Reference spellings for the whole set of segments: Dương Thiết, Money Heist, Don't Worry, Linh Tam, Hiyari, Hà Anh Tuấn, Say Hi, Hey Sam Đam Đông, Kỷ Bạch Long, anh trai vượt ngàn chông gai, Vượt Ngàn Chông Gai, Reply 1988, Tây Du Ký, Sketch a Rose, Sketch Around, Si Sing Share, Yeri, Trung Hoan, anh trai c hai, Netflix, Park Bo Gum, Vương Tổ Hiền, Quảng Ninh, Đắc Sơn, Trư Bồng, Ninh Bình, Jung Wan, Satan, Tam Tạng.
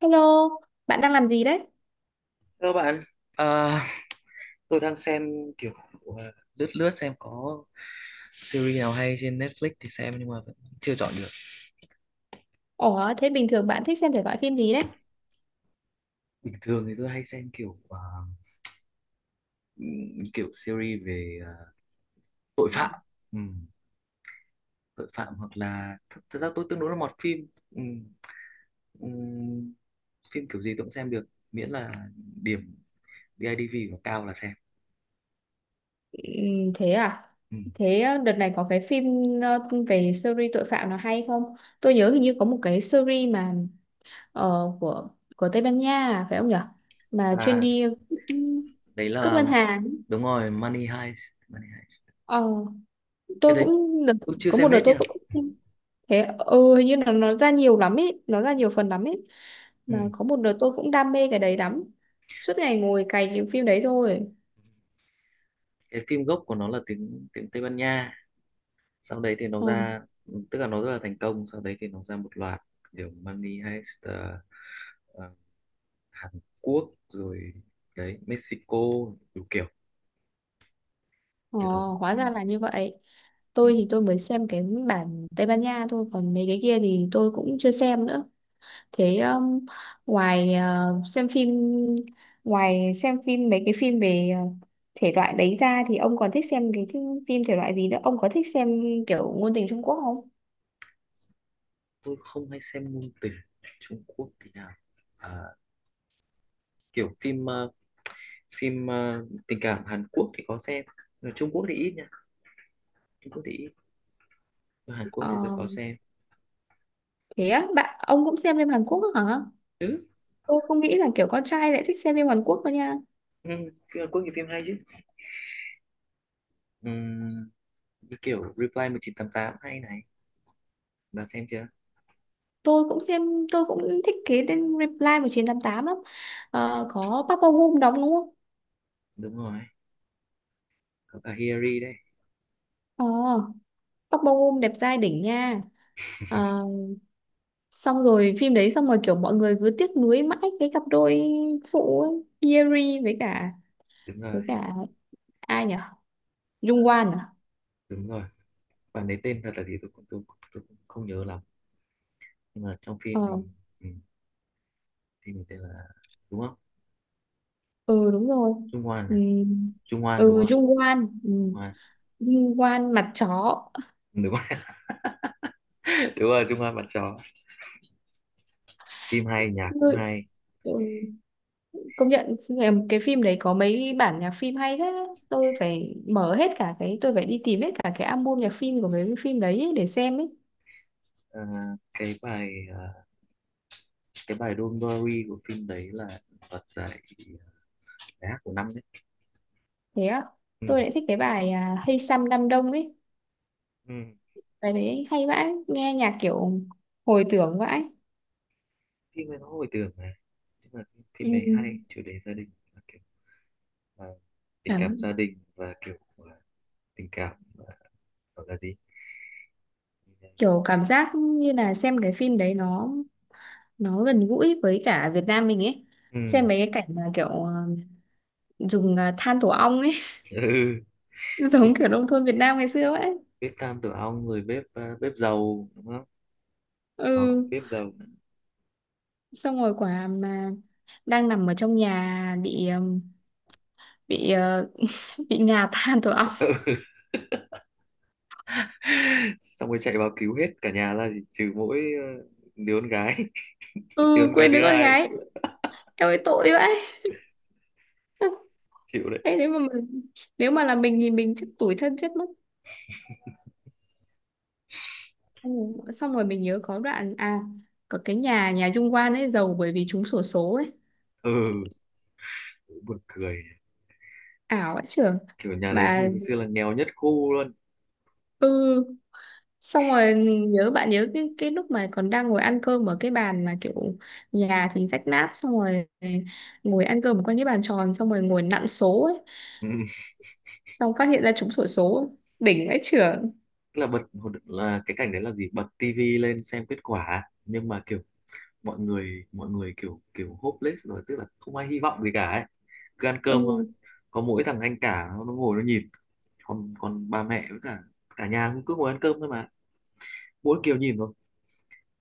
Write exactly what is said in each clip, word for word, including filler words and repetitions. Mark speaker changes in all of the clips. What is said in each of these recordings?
Speaker 1: Hello, bạn đang làm gì đấy?
Speaker 2: Thưa bạn, à, tôi đang xem kiểu à, lướt lướt xem có series nào hay trên Netflix thì xem, nhưng mà vẫn chưa chọn được.
Speaker 1: Ủa, thế bình thường bạn thích xem thể loại phim gì đấy?
Speaker 2: Bình thường thì tôi hay xem kiểu à, ừm, kiểu series về à, tội phạm. Ừm, Tội phạm, hoặc là th thật ra tôi tương đối là mọt phim. Ừm, ừm, Phim kiểu gì tôi cũng xem được, miễn là điểm bê i bê i đê vê của cao là xem.
Speaker 1: Ừm, thế à?
Speaker 2: Ừm.
Speaker 1: Thế ờ, đợt này có cái phim ờ, về series tội phạm nào hay không? Tôi nhớ hình như có một cái series mà ờ, của của Tây Ban Nha, à, phải không nhở? Mà chuyên
Speaker 2: À,
Speaker 1: đi ừm,
Speaker 2: đấy
Speaker 1: cướp
Speaker 2: là
Speaker 1: ngân hàng.
Speaker 2: đúng rồi, Money Heist, Money Heist.
Speaker 1: Ờ,
Speaker 2: Cái
Speaker 1: tôi
Speaker 2: đấy
Speaker 1: cũng đợt-
Speaker 2: tôi chưa
Speaker 1: có một
Speaker 2: xem
Speaker 1: đợt
Speaker 2: hết
Speaker 1: tôi
Speaker 2: nha.
Speaker 1: cũng, thế ừ, hình như là nó ra nhiều lắm ấy, nó ra nhiều phần lắm ấy.
Speaker 2: Ừ.
Speaker 1: Mà có một đợt tôi cũng đam mê cái đấy lắm. Suốt ngày ngồi cày cái phim đấy thôi.
Speaker 2: Cái phim gốc của nó là tiếng tiếng Tây Ban Nha, sau đấy thì nó ra, tức là nó rất là thành công, sau đấy thì nó ra một loạt kiểu Money Heist ờ, ờ, Hàn Quốc rồi, đấy, Mexico, đủ kiểu
Speaker 1: Ồ,
Speaker 2: kiểu đó.
Speaker 1: hóa
Speaker 2: Ừ.
Speaker 1: ra là như vậy.
Speaker 2: Ừ.
Speaker 1: Tôi thì tôi mới xem cái bản Tây Ban Nha thôi, còn mấy cái kia thì tôi cũng chưa xem nữa. Thế um, ngoài ờ, xem phim ngoài xem phim mấy cái phim về ờ, thể loại đấy ra thì ông còn thích xem cái thi- phim thể loại gì nữa? Ông có thích xem kiểu ngôn tình Trung Quốc không?
Speaker 2: Tôi không hay xem ngôn tình Trung Quốc thì nào. à, Kiểu phim ờ, phim ờ, tình cảm Hàn Quốc thì có xem. Ở Trung Quốc thì ít nha, Trung Quốc thì ít. Ở Hàn Quốc
Speaker 1: Ờ,
Speaker 2: thì tôi có xem.
Speaker 1: thế á, bạn ông cũng xem phim Hàn Quốc nữa hả?
Speaker 2: Ừ.
Speaker 1: Tôi không nghĩ là kiểu con trai lại thích xem phim Hàn Quốc đâu nha.
Speaker 2: Ừ. Phim Hàn Quốc thì phim hay chứ. Ừ. Như kiểu Reply một chín tám tám hay này, bạn xem chưa?
Speaker 1: tôi cũng xem tôi cũng thích cái tên Reply mười chín tám tám lắm. Ờ, có Park Bo Gum đóng đúng không?
Speaker 2: Đúng rồi, có cả Hiyari đấy.
Speaker 1: ờ, Park Bo Gum đẹp trai đỉnh nha. Ờ, xong rồi phim đấy, xong rồi kiểu mọi người cứ tiếc nuối mãi cái cặp đôi phụ ấy, Yeri với cả
Speaker 2: Đúng rồi,
Speaker 1: với cả ai nhỉ, Jung Wan à?
Speaker 2: đúng rồi, bạn ấy tên thật là gì tôi cũng tôi, tôi cũng không nhớ lắm, nhưng mà trong phim thì
Speaker 1: ờ,
Speaker 2: ừ, phim thì tên là, đúng không?
Speaker 1: ừ, đúng rồi.
Speaker 2: Trung Hoan
Speaker 1: Ừ,
Speaker 2: à? Trung Hoan đúng
Speaker 1: ừ,
Speaker 2: không?
Speaker 1: Jung Wan, ừ.
Speaker 2: Trung Hoan,
Speaker 1: Jung Wan mặt chó.
Speaker 2: đúng rồi. Đúng rồi, Trung Hoan bạn chó. Phim hay, nhạc cũng hay.
Speaker 1: Ừ, công nhận. Ừ, cái phim đấy có mấy bản nhạc phim hay thế. Tôi phải mở hết cả cái tôi phải đi tìm hết cả cái album nhạc phim của mấy cái phim đấy ấy để xem ấy.
Speaker 2: Ờ, cái bài ờ, cái bài Don't Worry của phim đấy là đoạt giải bài hát của năm đấy.
Speaker 1: Thế á?
Speaker 2: Ừ.
Speaker 1: Tôi lại thích cái bài à, Hey Sam Đam Đông ấy.
Speaker 2: Ừ.
Speaker 1: Bài đấy hay vãi, nghe nhạc kiểu hồi tưởng vãi.
Speaker 2: Phim ấy nó hồi tưởng mà, nhưng mà phim
Speaker 1: Ừ.
Speaker 2: ấy hay, chủ đề gia đình và kiểu ờ, tình cảm
Speaker 1: cảm-
Speaker 2: gia đình, và kiểu ờ, tình cảm ờ, gọi là gì?
Speaker 1: Kiểu cảm giác như là xem cái phim đấy nó nó gần gũi với cả Việt Nam mình ấy.
Speaker 2: ừ
Speaker 1: Xem mấy cái cảnh mà kiểu à, dùng à, than tổ ong ấy.
Speaker 2: ừ bếp,
Speaker 1: Giống kiểu nông thôn Việt Nam ngày xưa ấy.
Speaker 2: Bếp tam tử ong, rồi bếp ờ, bếp dầu đúng không? Đó,
Speaker 1: Ừ.
Speaker 2: bếp dầu.
Speaker 1: Xong rồi quả mà đang nằm ở trong nhà bị ừm, bị ờ, bị ngà than tổ ong.
Speaker 2: Ừ. Xong rồi chạy vào cứu hết cả nhà ra, chỉ trừ mỗi ờ, đứa con gái. Đứa
Speaker 1: Ừ,
Speaker 2: con gái
Speaker 1: quên
Speaker 2: thứ
Speaker 1: đứa con
Speaker 2: hai,
Speaker 1: gái. Em ơi, tội vậy.
Speaker 2: chịu đấy.
Speaker 1: Thế nếu mà mình, nếu mà là mình thì mình chết, tủi thân chết mất. xong rồi, xong rồi mình nhớ có đoạn, à, có cái nhà nhà Dung Quan ấy giàu bởi vì trúng xổ số ấy,
Speaker 2: ừ Buồn cười,
Speaker 1: ảo ấy trưởng.
Speaker 2: kiểu nhà đấy
Speaker 1: Mà
Speaker 2: hồi xưa là nghèo nhất khu luôn.
Speaker 1: ừ, xong rồi mình nhớ bạn nhớ cái cái lúc mà còn đang ngồi ăn cơm ở cái bàn mà kiểu, nhà thì rách nát, xong rồi ngồi ăn cơm quanh cái bàn tròn, xong rồi ngồi nặn số ấy,
Speaker 2: Ừ.
Speaker 1: xong phát hiện ra trúng xổ số, đỉnh ấy trưởng.
Speaker 2: Tức là bật, là cái cảnh đấy là gì, bật tivi lên xem kết quả, nhưng mà kiểu mọi người mọi người kiểu kiểu hopeless rồi, tức là không ai hy vọng gì cả ấy, cứ ăn cơm thôi.
Speaker 1: Ừ,
Speaker 2: Có mỗi thằng anh cả nó nó ngồi nó nhìn, còn còn bà mẹ với cả cả nhà cũng cứ ngồi ăn cơm thôi mà, mỗi kiểu nhìn thôi.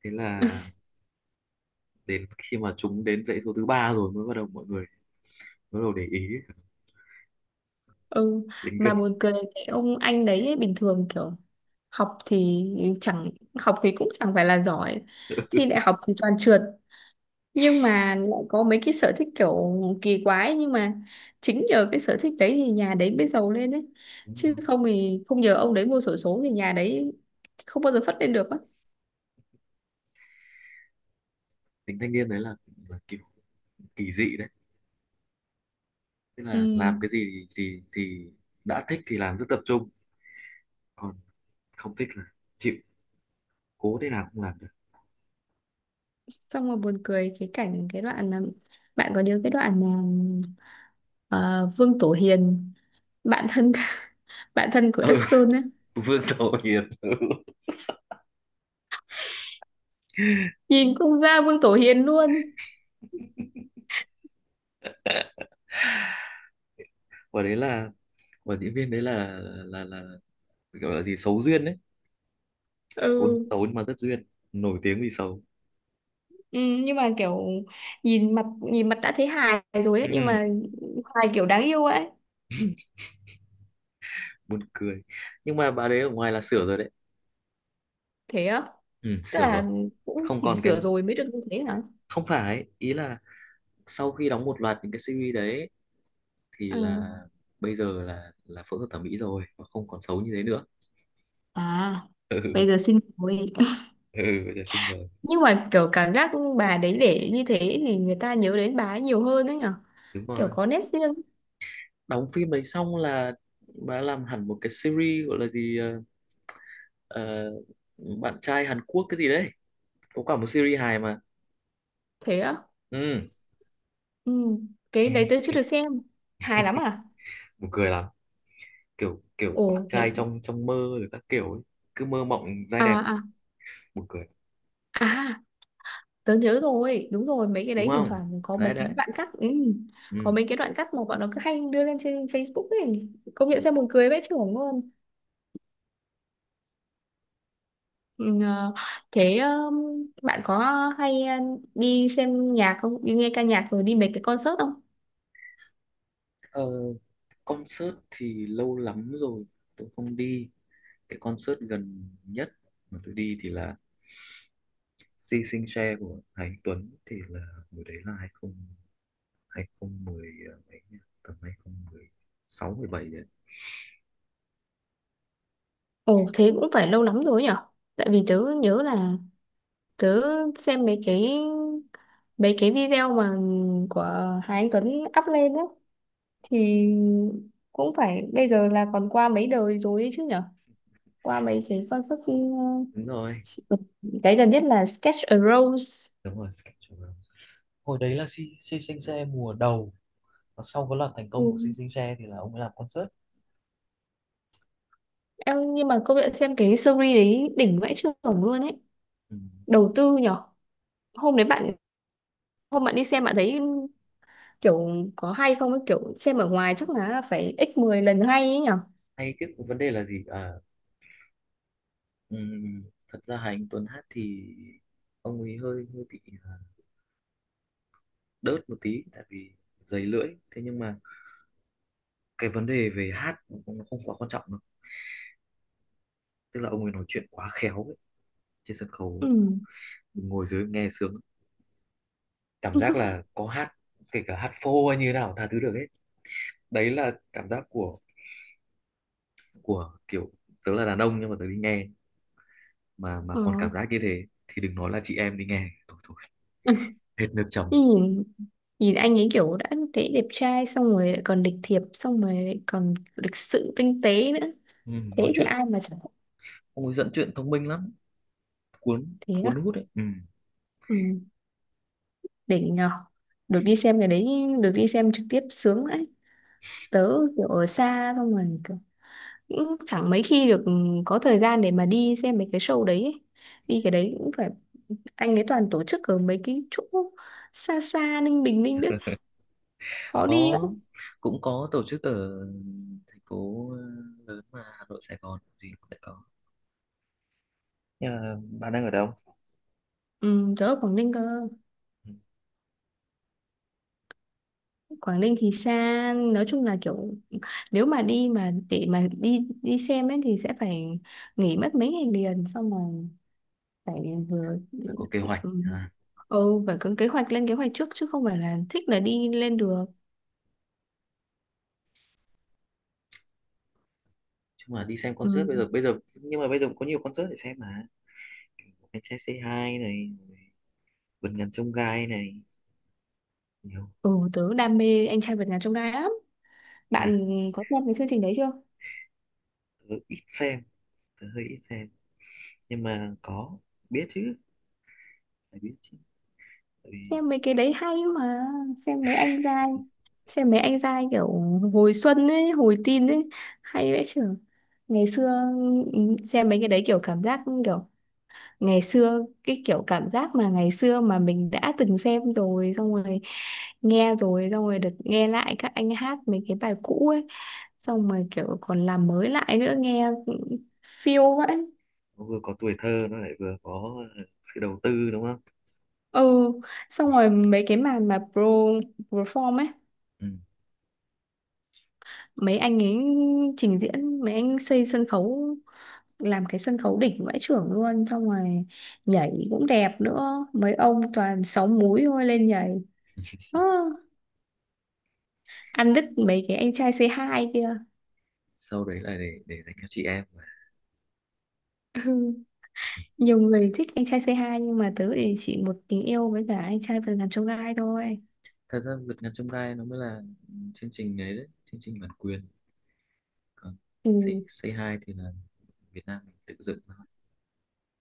Speaker 2: Thế là đến khi mà chúng đến dãy số thứ ba rồi mới bắt đầu mọi người mới bắt đầu để ý
Speaker 1: ừ,
Speaker 2: đến
Speaker 1: mà
Speaker 2: gần.
Speaker 1: buồn cười cái ông anh đấy ấy. Bình thường kiểu học thì chẳng học thì cũng chẳng phải là giỏi, thi đại học thì toàn trượt, nhưng mà lại có mấy cái sở thích kiểu kỳ quái. Nhưng mà chính nhờ cái sở thích đấy thì nhà đấy mới giàu lên đấy, chứ không thì không nhờ ông đấy mua xổ số thì nhà đấy không bao giờ phất lên được á.
Speaker 2: Tính thanh niên đấy là, là kiểu kỳ dị đấy, tức
Speaker 1: Ừ.
Speaker 2: là làm cái gì thì thì đã thích thì làm rất tập trung, còn không thích là chịu, cố thế nào cũng làm được.
Speaker 1: Xong rồi buồn cười cái cảnh, cái đoạn là, bạn có nhớ cái đoạn mà ờ, Vương Tổ Hiền, bạn thân, bạn thân của
Speaker 2: Ừ.
Speaker 1: Đắc Sơn ấy.
Speaker 2: Vương Tổ Hiền. Ừ.
Speaker 1: Nhìn cũng ra Vương Tổ Hiền luôn.
Speaker 2: và đấy là và diễn viên đấy là là là, gọi là gì? Xấu duyên đấy, xấu
Speaker 1: Ừ.
Speaker 2: xấu nhưng mà rất duyên, nổi tiếng vì xấu.
Speaker 1: Ừ, nhưng mà kiểu nhìn mặt nhìn mặt đã thấy hài rồi ấy, nhưng
Speaker 2: ừ,
Speaker 1: mà hài kiểu đáng yêu ấy.
Speaker 2: Buồn cười, nhưng mà bà đấy ở ngoài là sửa rồi đấy.
Speaker 1: Thế á?
Speaker 2: ừ,
Speaker 1: Tức
Speaker 2: Sửa rồi.
Speaker 1: là cũng
Speaker 2: Không
Speaker 1: chỉnh
Speaker 2: còn cái
Speaker 1: sửa rồi mới được như thế hả?
Speaker 2: Không phải, ý là sau khi đóng một loạt những cái series đấy thì
Speaker 1: à,
Speaker 2: là bây giờ là là phẫu thuật thẩm mỹ rồi và không còn xấu như thế nữa.
Speaker 1: à
Speaker 2: ừ
Speaker 1: Bây giờ xin rồi.
Speaker 2: ừ Giờ xinh rồi.
Speaker 1: Nhưng mà kiểu cảm giác bà đấy để như thế thì người ta nhớ đến bà ấy nhiều hơn đấy nhở,
Speaker 2: Đúng rồi,
Speaker 1: kiểu có nét riêng.
Speaker 2: đóng phim đấy xong là bà làm hẳn một cái series gọi là gì, ờ, ờ, bạn trai Hàn Quốc cái gì đấy, có cả một series hài mà.
Speaker 1: Thế á?
Speaker 2: ừ
Speaker 1: Ừ. Cái đấy tớ chưa được xem, hài lắm à?
Speaker 2: Buồn cười lắm, kiểu kiểu bạn
Speaker 1: Ồ, thế
Speaker 2: trai trong trong mơ rồi các kiểu ấy. Cứ mơ mộng, trai
Speaker 1: À
Speaker 2: đẹp,
Speaker 1: à
Speaker 2: buồn cười
Speaker 1: à tớ nhớ rồi, đúng rồi, mấy cái
Speaker 2: đúng
Speaker 1: đấy thỉnh
Speaker 2: không?
Speaker 1: thoảng có
Speaker 2: Đấy
Speaker 1: mấy
Speaker 2: đấy.
Speaker 1: cái đoạn cắt. Ừ.
Speaker 2: Ừ.
Speaker 1: Có mấy cái đoạn cắt mà bọn nó cứ hay đưa lên trên Facebook ấy, công nhận ra buồn cười vãi chưởng luôn. Ừ. Ờ, thế ờ, bạn có hay ờ, đi xem nhạc không? Đi nghe ca nhạc rồi đi mấy cái concert không?
Speaker 2: ờ, Concert thì lâu lắm rồi tôi không đi. Cái concert gần nhất mà tôi đi thì là Si Sing Share của Hà Anh Tuấn, thì là hồi đấy là hai không, hai không một không, ờ, mấy nhỉ? Tầm hai không một sáu, mười 17 đấy.
Speaker 1: Ồ, thế cũng phải lâu lắm rồi nhở? Tại vì tớ nhớ là tớ xem mấy cái, mấy cái video mà của Hà Anh Tuấn up lên á, thì cũng phải bây giờ là còn qua mấy đời rồi ấy chứ nhở? Qua mấy cái concert,
Speaker 2: Đúng rồi.
Speaker 1: ờ, cái gần nhất là Sketch a Rose.
Speaker 2: Đúng rồi, Sketch Around. Hồi đấy là Si Si Sinh Xe mùa đầu, và sau có loạt thành công
Speaker 1: Ừ.
Speaker 2: của Si Sinh Xe thì là ông ấy làm concert.
Speaker 1: Em nhưng mà công nhận xem cái series đấy đỉnh vãi chưởng luôn ấy.
Speaker 2: Ừ.
Speaker 1: Đầu tư nhở. hôm đấy bạn Hôm bạn đi xem bạn thấy kiểu có hay không ấy, kiểu xem ở ngoài chắc là phải x mười lần hay ấy nhở.
Speaker 2: Hay cái vấn đề là gì? À, ừm, thật ra Hà Anh Tuấn hát thì ông ấy hơi hơi bị à, đớt một tí, tại vì dày lưỡi. Thế nhưng mà cái vấn đề về hát cũng không không quá quan trọng đâu. Tức là ông ấy nói chuyện quá khéo ấy. Trên sân khấu
Speaker 1: Ừ.
Speaker 2: mình ngồi dưới nghe sướng, cảm giác là có hát, kể cả hát phô hay như thế nào tha thứ được hết. Đấy là cảm giác của của kiểu tớ là đàn ông, nhưng mà tớ đi nghe mà mà
Speaker 1: ờ.
Speaker 2: còn cảm giác như thế thì đừng nói là chị em đi nghe. Thôi thôi, hết nước chấm.
Speaker 1: nhìn Nhìn anh ấy kiểu đã thấy đẹp trai, xong rồi lại còn lịch thiệp, xong rồi lại còn lịch sự tinh tế nữa,
Speaker 2: Ừ, nói
Speaker 1: thế thì
Speaker 2: chuyện
Speaker 1: ai mà chẳng thích.
Speaker 2: ông ấy dẫn truyện thông minh lắm, cuốn
Speaker 1: Thế á?
Speaker 2: cuốn hút đấy. Ừ.
Speaker 1: Ừ. Đỉnh nhở. Được đi xem cái đấy, được đi xem trực tiếp sướng đấy. Tớ kiểu ở xa, xong rồi kiểu cũng chẳng mấy khi được có thời gian để mà đi xem mấy cái show đấy ấy. Đi cái đấy cũng phải, anh ấy toàn tổ chức ở mấy cái chỗ xa xa, Ninh Bình Ninh biết, khó đi lắm.
Speaker 2: có Cũng có tổ chức ở thành phố ờ, lớn mà, Hà Nội Sài Gòn gì cũng sẽ có, nhưng mà bạn đang ở đâu?
Speaker 1: Ừ, tớ ở Quảng Ninh cơ.
Speaker 2: Ừ,
Speaker 1: Quảng Ninh thì xa, nói chung là kiểu nếu mà đi mà để mà đi đi xem ấy thì sẽ phải nghỉ mất mấy ngày liền, xong rồi phải vừa,
Speaker 2: phải có kế hoạch
Speaker 1: ừ,
Speaker 2: à.
Speaker 1: ừ phải có kế hoạch, lên kế hoạch trước chứ không phải là thích là đi lên được.
Speaker 2: Chứ mà đi xem
Speaker 1: Ừ,
Speaker 2: concert bây giờ, bây giờ nhưng mà bây giờ cũng có nhiều concert để xem mà. Kiểu anh trai Say Hi này, vườn ngàn chông gai này, nhiều.
Speaker 1: ừ tớ đam mê anh trai vượt ngàn chông gai lắm.
Speaker 2: À,
Speaker 1: Bạn có xem cái chương trình đấy chưa?
Speaker 2: tớ ít xem, tớ hơi ít xem nhưng mà có biết chứ, phải biết chứ, tại vì
Speaker 1: Xem mấy cái đấy hay mà. xem mấy anh giai xem mấy anh giai kiểu hồi xuân ấy, hồi teen ấy, hay vãi chưởng. Ngày xưa, ừ, xem mấy cái đấy kiểu cảm giác kiểu ngày xưa, cái kiểu cảm giác mà ngày xưa mà mình đã từng xem rồi, xong rồi nghe rồi, xong rồi được nghe lại các anh hát mấy cái bài cũ ấy, xong rồi kiểu còn làm mới lại nữa, nghe phiêu vậy.
Speaker 2: nó vừa có tuổi thơ nó lại vừa có sự đầu tư đúng không?
Speaker 1: Ừ. Xong rồi mấy cái màn mà pro perform ấy,
Speaker 2: Ừ.
Speaker 1: mấy anh ấy trình diễn, mấy anh xây sân khấu, làm cái sân khấu đỉnh vãi chưởng luôn, xong rồi nhảy cũng đẹp nữa, mấy ông toàn sáu múi thôi lên nhảy. Ơ, ăn đứt mấy cái anh trai c hai kia.
Speaker 2: Sau đấy là để để dành cho chị em mà.
Speaker 1: Ừ, nhiều người thích anh trai c hai nhưng mà tớ thì chỉ một tình yêu với cả anh trai vườn ngàn chông gai thôi.
Speaker 2: Thật ra vượt ngàn chông gai nó mới là chương trình đấy, đấy chương trình bản quyền, còn Say,
Speaker 1: Ừ.
Speaker 2: Say Hi thì là Việt Nam mình tự dựng nó.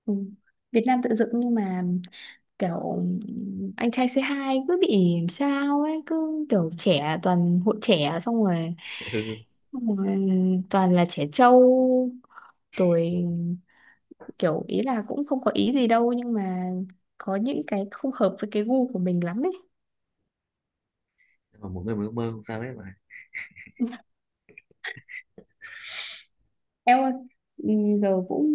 Speaker 1: Ừ. Việt Nam tự dựng nhưng mà kiểu anh trai c hai cứ bị làm sao ấy, cứ kiểu trẻ, toàn hội trẻ, xong rồi
Speaker 2: Ừ.
Speaker 1: xong rồi toàn là trẻ trâu rồi, kiểu ý là cũng không có ý gì đâu nhưng mà có những cái không hợp với cái gu của mình lắm ấy.
Speaker 2: Nhưng mà mỗi người một ước mơ, không sao hết mà.
Speaker 1: Em ơi, ừ, giờ cũng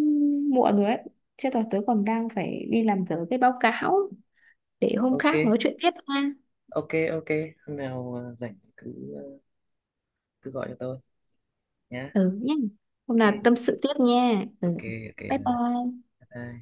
Speaker 1: muộn rồi ấy. Chứ tớ tớ còn đang phải đi làm dở cái báo cáo, để hôm
Speaker 2: Ok,
Speaker 1: khác nói chuyện tiếp nha.
Speaker 2: ok, ok, hôm nào ờ, rảnh cứ ờ, cứ gọi cho tôi nhá.
Speaker 1: Ừ nhé. Hôm nào
Speaker 2: Ok,
Speaker 1: tâm sự tiếp nha. Ừ.
Speaker 2: ok, ok,
Speaker 1: Bye bye.
Speaker 2: bye bye.